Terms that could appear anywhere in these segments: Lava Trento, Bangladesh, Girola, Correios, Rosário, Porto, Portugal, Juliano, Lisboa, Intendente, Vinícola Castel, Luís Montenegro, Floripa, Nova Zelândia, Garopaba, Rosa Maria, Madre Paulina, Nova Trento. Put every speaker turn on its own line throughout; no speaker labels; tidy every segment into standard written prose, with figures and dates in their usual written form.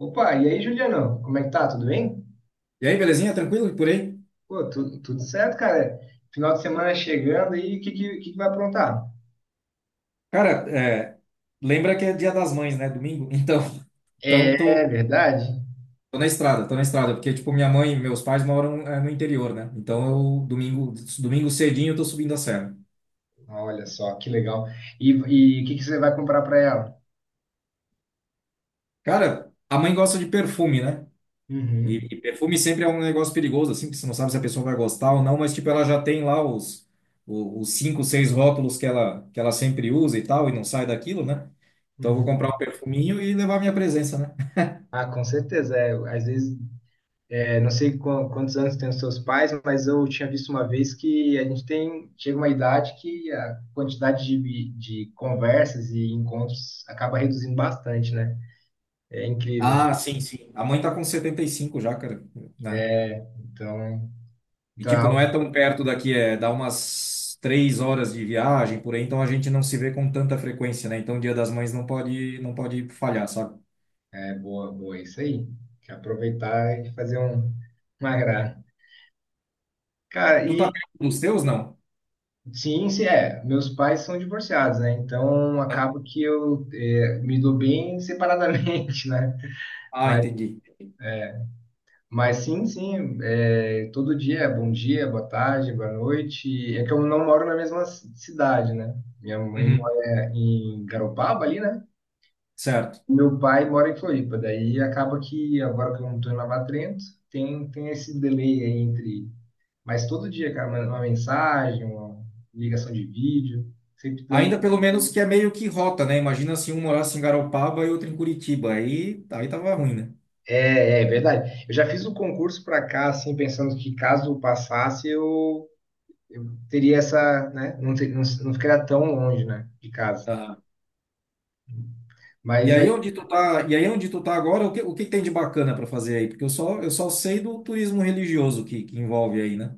Opa, e aí, Juliano? Como é que tá? Tudo bem?
E aí, belezinha? Tranquilo por aí?
Pô, tudo certo, cara. Final de semana chegando e o que que vai aprontar?
Cara, lembra que é Dia das Mães, né? Domingo? Então, então
É verdade?
tô na estrada, porque, tipo, minha mãe e meus pais moram, no interior, né? Então, eu, domingo cedinho, eu tô subindo a serra.
Olha só, que legal. E o que você vai comprar para ela?
Cara, a mãe gosta de perfume, né? E,
Uhum,
e perfume sempre é um negócio perigoso, assim, que você não sabe se a pessoa vai gostar ou não, mas, tipo, ela já tem lá os cinco, seis rótulos que ela, sempre usa e tal, e não sai daquilo, né? Então, eu vou comprar um
uhum.
perfuminho e levar minha presença, né?
Ah, com certeza. É, às vezes, é, não sei quantos anos tem os seus pais, mas eu tinha visto uma vez que a gente tem, chega uma idade que a quantidade de conversas e encontros acaba reduzindo bastante, né? É incrível.
Ah, sim, sim. A mãe tá com 75 já, cara, né?
Então,
E
então é
tipo, não
algo.
é tão perto daqui, dá umas 3 horas de viagem por aí, então a gente não se vê com tanta frequência, né? Então o Dia das Mães não pode, não pode falhar, sabe?
É boa, boa, isso aí. Que aproveitar e fazer uma graça. Cara,
Tu tá
e
perto dos teus, não?
sim, se é. Meus pais são divorciados, né? Então
Tá.
acabo que me dou bem separadamente, né?
Ah,
Mas,
entendi.
mas sim, sim, é, todo dia, é bom dia, boa tarde, boa noite. É que eu não moro na mesma cidade, né? Minha mãe
Uhum,
mora em Garopaba ali, né?
certo.
Meu pai mora em Floripa, daí acaba que agora que eu não estou em Lava Trento, tem esse delay aí entre. Mas todo dia, cara, uma mensagem, uma ligação de vídeo, sempre dando.
Ainda pelo menos que é meio que rota, né? Imagina se um morasse em Garopaba e outro em Curitiba, aí tava ruim, né?
É verdade. Eu já fiz o concurso para cá, assim, pensando que caso eu passasse, eu teria essa, né? Não, não, não ficaria tão longe, né, de casa. Mas é.
E aí onde tu tá agora, o que tem de bacana para fazer aí? Porque eu só sei do turismo religioso que envolve aí, né?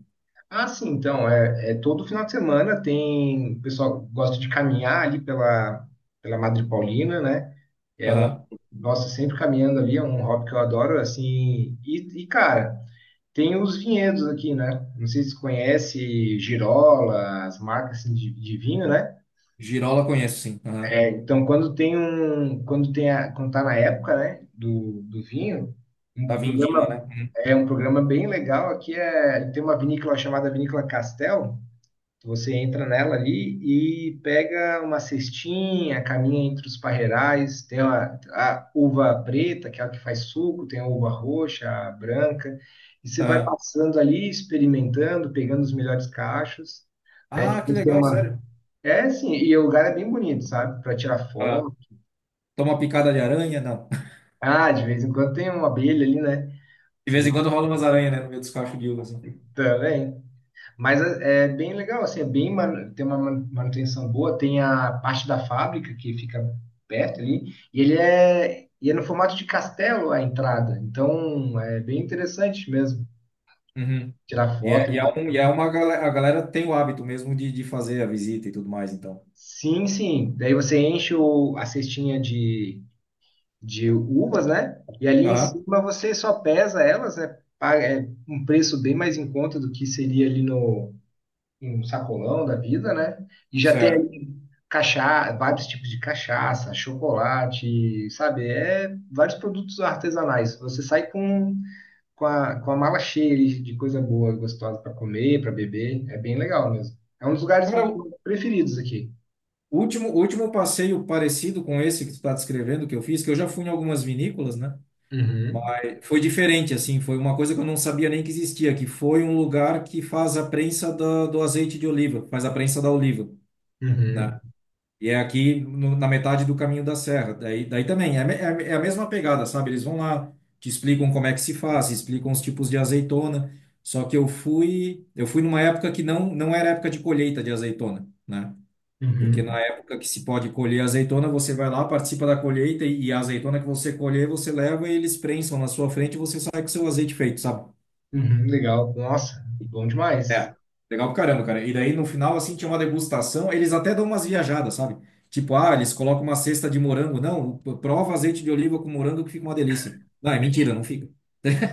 Ah, sim, então, é todo final de semana tem. O pessoal gosta de caminhar ali pela Madre Paulina, né? É um,
Aham.
Nossa, sempre caminhando ali, é um hobby que eu adoro, assim. E cara. Tem os vinhedos aqui, né? Não sei se conhece Girola, as marcas assim, de vinho, né?
Girola conheço, sim. Aham.
É, então, quando tá na época, né, do vinho, um
Tava em Dima, né?
programa
Uhum.
é um programa bem legal aqui, é, tem uma vinícola chamada Vinícola Castel, você entra nela ali e pega uma cestinha, caminha entre os parreirais, tem a uva preta, que é a que faz suco, tem a uva roxa, a branca, e você vai
Aham.
passando ali, experimentando, pegando os melhores cachos, né?
Ah, que
Depois tem
legal,
uma.
sério.
É assim, e o lugar é bem bonito, sabe? Para tirar
Aham.
foto.
Toma picada de aranha? Não.
Ah, de vez em quando tem uma abelha ali, né?
De vez em quando rola umas aranhas, né? No meio dos cachos de uva, assim.
Também. Mas é bem legal, assim, é bem tem uma manutenção boa, tem a parte da fábrica que fica perto ali, e é no formato de castelo a entrada, então é bem interessante mesmo
Uhum.
tirar
E é, e é,
foto.
um, e é uma galera, a galera tem o hábito mesmo de fazer a visita e tudo mais, então.
Sim, sim, daí você enche a cestinha de uvas, né? E ali em
Aham.
cima você só pesa elas, né? Paga, é um preço bem mais em conta do que seria ali no, um sacolão da vida, né? E já tem
Certo.
aí cachaça, vários tipos de cachaça, chocolate, sabe? É vários produtos artesanais. Você sai com a mala cheia de coisa boa, gostosa para comer, para beber. É bem legal mesmo. É um dos lugares
Cara,
preferidos aqui.
O último passeio parecido com esse que tu tá descrevendo, que eu fiz, que eu já fui em algumas vinícolas, né?
Uhum,
Mas foi diferente, assim, foi uma coisa que eu não sabia nem que existia, que foi um lugar que faz a prensa da- do azeite de oliva, faz a prensa da oliva, né?
uhum,
E é aqui no- na metade do caminho da serra. Daí também, é a mesma pegada, sabe? Eles vão lá, te explicam como é que se faz, explicam os tipos de azeitona. Só que eu fui numa época que não, não era época de colheita de azeitona, né? Porque na
uhum,
época que se pode colher azeitona, você vai lá, participa da colheita e a azeitona que você colher, você leva e eles prensam na sua frente e você sai com seu azeite feito, sabe?
uhum. Legal. Nossa, bom demais.
É. Legal pra caramba, cara. E daí no final, assim, tinha uma degustação, eles até dão umas viajadas, sabe? Tipo, ah, eles colocam uma cesta de morango. Não, prova azeite de oliva com morango que fica uma delícia. Não, é mentira, não fica.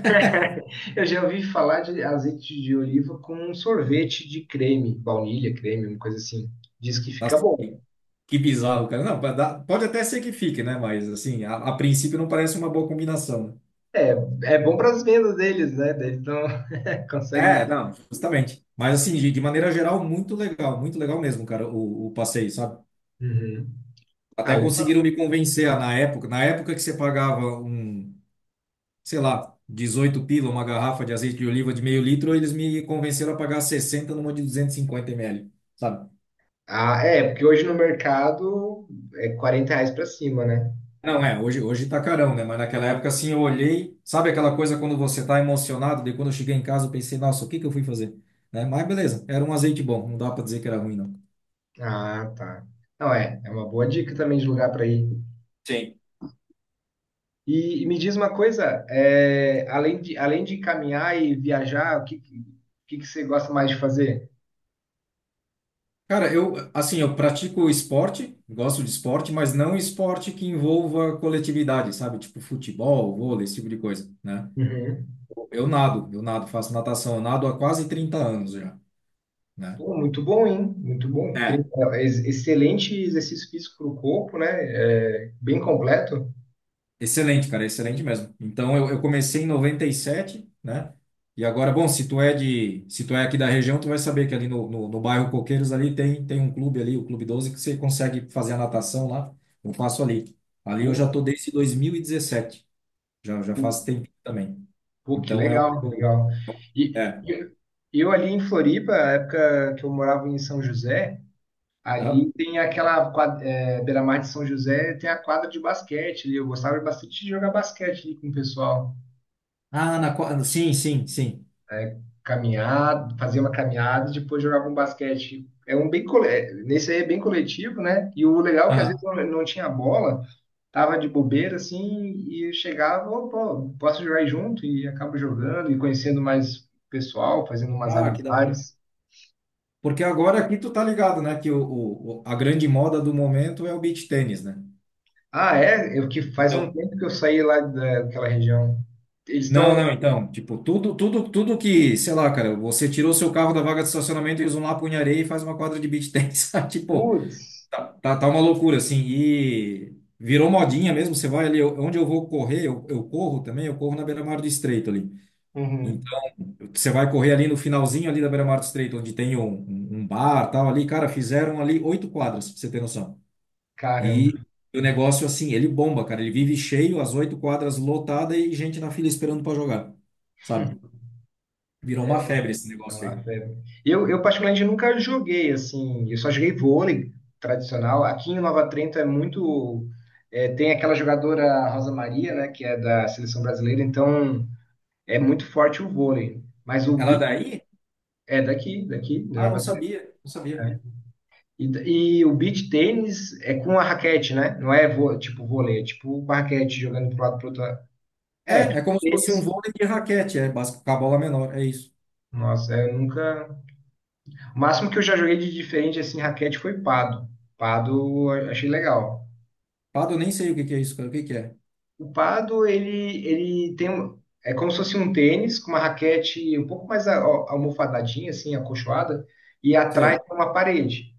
Eu já ouvi falar de azeite de oliva com um sorvete de creme, baunilha, creme, uma coisa assim. Diz que fica
Nossa,
bom.
que bizarro, cara. Não, dá- pode até ser que fique, né? Mas, assim, a princípio não parece uma boa combinação, né?
É, é bom para as vendas deles, né? Daí eles não conseguem.
É, não, justamente. Mas assim, de maneira geral, muito legal mesmo, cara, o passeio, sabe?
Uhum. Ah,
Até
le-
conseguiram me convencer ah, na época que você pagava um, sei lá, 18 pila, uma garrafa de azeite de oliva de meio litro, eles me convenceram a pagar 60 numa de 250 ml, sabe?
ah, é, porque hoje no mercado é R$ 40 para cima, né?
Não, hoje tá carão, né? Mas naquela época, assim, eu olhei, sabe aquela coisa quando você tá emocionado, daí quando eu cheguei em casa, eu pensei, nossa, o que que eu fui fazer? Né? Mas beleza, era um azeite bom, não dá pra dizer que era ruim, não.
Ah, tá. Não, é uma boa dica também de lugar para ir.
Sim.
E me diz uma coisa, é, além de caminhar e viajar, o que que você gosta mais de fazer?
Cara, assim, eu pratico esporte, gosto de esporte, mas não esporte que envolva coletividade, sabe? Tipo futebol, vôlei, esse tipo de coisa, né?
Uhum.
Eu nado, faço natação, eu nado há quase 30 anos já, né?
Pô, muito bom, hein? Muito bom.
É,
Excelente exercício físico para o corpo, né? É, bem completo.
Excelente, cara, excelente mesmo. Então, eu comecei em noventa e sete, né? E agora, bom, se tu é aqui da região, tu vai saber que ali no bairro Coqueiros ali tem um clube ali, o Clube 12 que você consegue fazer a natação lá. Eu faço ali. Ali eu já
Pô,
tô desde 2017. Já, já faz tempo também.
pô, que
Então
legal, legal. E,
É.
e eu ali em Floripa, na época que eu morava em São José, ali
Aham.
tem aquela quadra, é, beira-mar de São José, tem a quadra de basquete ali. Eu gostava bastante de jogar basquete ali com o pessoal.
Ah, sim, sim, sim.
Caminhar, fazer uma caminhada e depois jogava um basquete. É, nesse aí é bem coletivo, né? E o legal é que às vezes
Aham.
não tinha bola. Tava de bobeira assim e eu chegava: "Ô, pô, posso jogar junto?" E acabo jogando e conhecendo mais pessoal, fazendo umas
Ah, que da hora.
amizades.
Porque agora aqui tu tá ligado, né? Que a grande moda do momento é o beach tênis, né?
Ah, é? Eu que faz um
Então.
tempo que eu saí lá daquela região. Eles
Não,
estão.
não, então. Tipo, tudo, tudo, tudo que, sei lá, cara, você tirou seu carro da vaga de estacionamento e usa um lapo em areia e faz uma quadra de beach tênis. sabe? Tipo,
Putz!
tá, tá, tá uma loucura, assim. E virou modinha mesmo. Você vai ali, onde eu vou correr, eu corro também, eu corro na beira-mar do estreito ali.
Uhum.
Você vai correr ali no finalzinho ali da Beira-Mar do Estreito, onde tem um bar, tal ali, cara, fizeram ali oito quadras, pra você ter noção.
Caramba,
E o negócio assim, ele bomba, cara, ele vive cheio, as oito quadras lotada e gente na fila esperando para jogar, sabe? Virou
é
uma febre esse
é
negócio aí.
uma febre. Eu particularmente nunca joguei assim, eu só joguei vôlei tradicional. Aqui em Nova Trento é muito. É, tem aquela jogadora Rosa Maria, né, que é da seleção brasileira, então. É muito forte o vôlei, mas o
Ela
beach
daí?
é daqui, daqui, de
Ah, não
Nova Zelândia,
sabia, não sabia.
né? E o beach tênis é com a raquete, né? Não é tipo vôlei, é tipo com a raquete jogando pro lado pro outro lado. É,
É
tipo
como se fosse um
tênis.
vôlei de raquete, básico, com a bola menor, é isso.
Nossa, eu nunca. O máximo que eu já joguei de diferente assim, raquete foi pado. Pado eu achei legal.
Pado, eu nem sei o que que é isso, cara, o que que é?
O pado, ele é como se fosse um tênis com uma raquete um pouco mais almofadadinha assim, acolchoada, e atrás
Sei.
tem uma parede.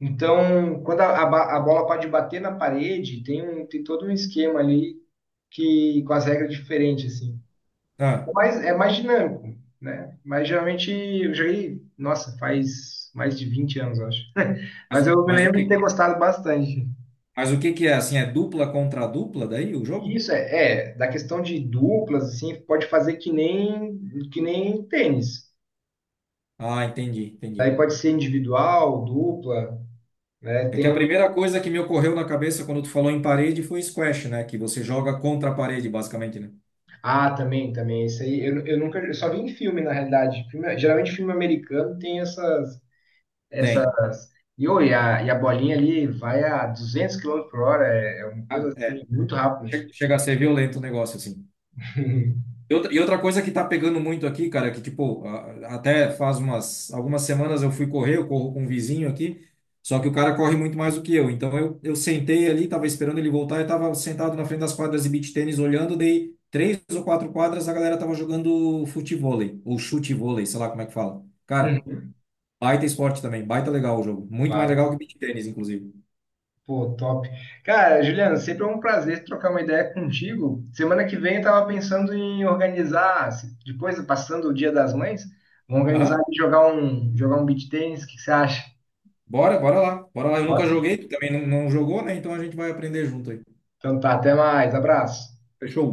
Então, quando a bola pode bater na parede, tem todo um esquema ali, que com as regras diferentes, assim.
Ah,
Mas é mais dinâmico, né? Mas geralmente eu joguei, nossa, faz mais de 20 anos, eu acho. Mas
mas,
eu me
mas o
lembro de
que,
ter gostado bastante.
mas o que que é assim? É dupla contra dupla daí o
E
jogo?
isso da questão de duplas, assim, pode fazer que nem tênis.
Ah, entendi,
Daí
entendi.
pode ser individual, dupla, né?
É que a
Tem.
primeira coisa que me ocorreu na cabeça quando tu falou em parede foi squash, né? Que você joga contra a parede, basicamente, né?
Ah, também, também. Isso aí, eu nunca, eu só vi em filme, na realidade. Geralmente filme americano tem essas,
Tem.
essas. E, ô, e a bolinha ali vai a 200 km/h, é uma coisa
Ah, é.
assim, muito rápida.
Chega a ser violento o negócio, assim. E outra coisa que tá pegando muito aqui, cara, que tipo, até faz umas algumas semanas eu fui correr, eu corro com um vizinho aqui, só que o cara corre muito mais do que eu. Então eu sentei ali, tava esperando ele voltar, eu tava sentado na frente das quadras de beach tênis olhando, dei três ou quatro quadras, a galera tava jogando futevôlei, ou chutevôlei, sei lá como é que fala. Cara,
Uhum,
baita esporte também, baita legal o jogo. Muito mais
vai.
legal que beach tênis, inclusive.
Pô, top. Cara, Juliano, sempre é um prazer trocar uma ideia contigo. Semana que vem eu tava pensando em organizar, depois, passando o Dia das Mães, vamos organizar
Aham.
e jogar um beach tennis, o que que você acha?
Bora, bora lá. Bora lá. Eu nunca
Bora?
joguei, tu também não, não jogou, né? Então a gente vai aprender junto aí.
Então tá, até mais, abraço.
Fechou?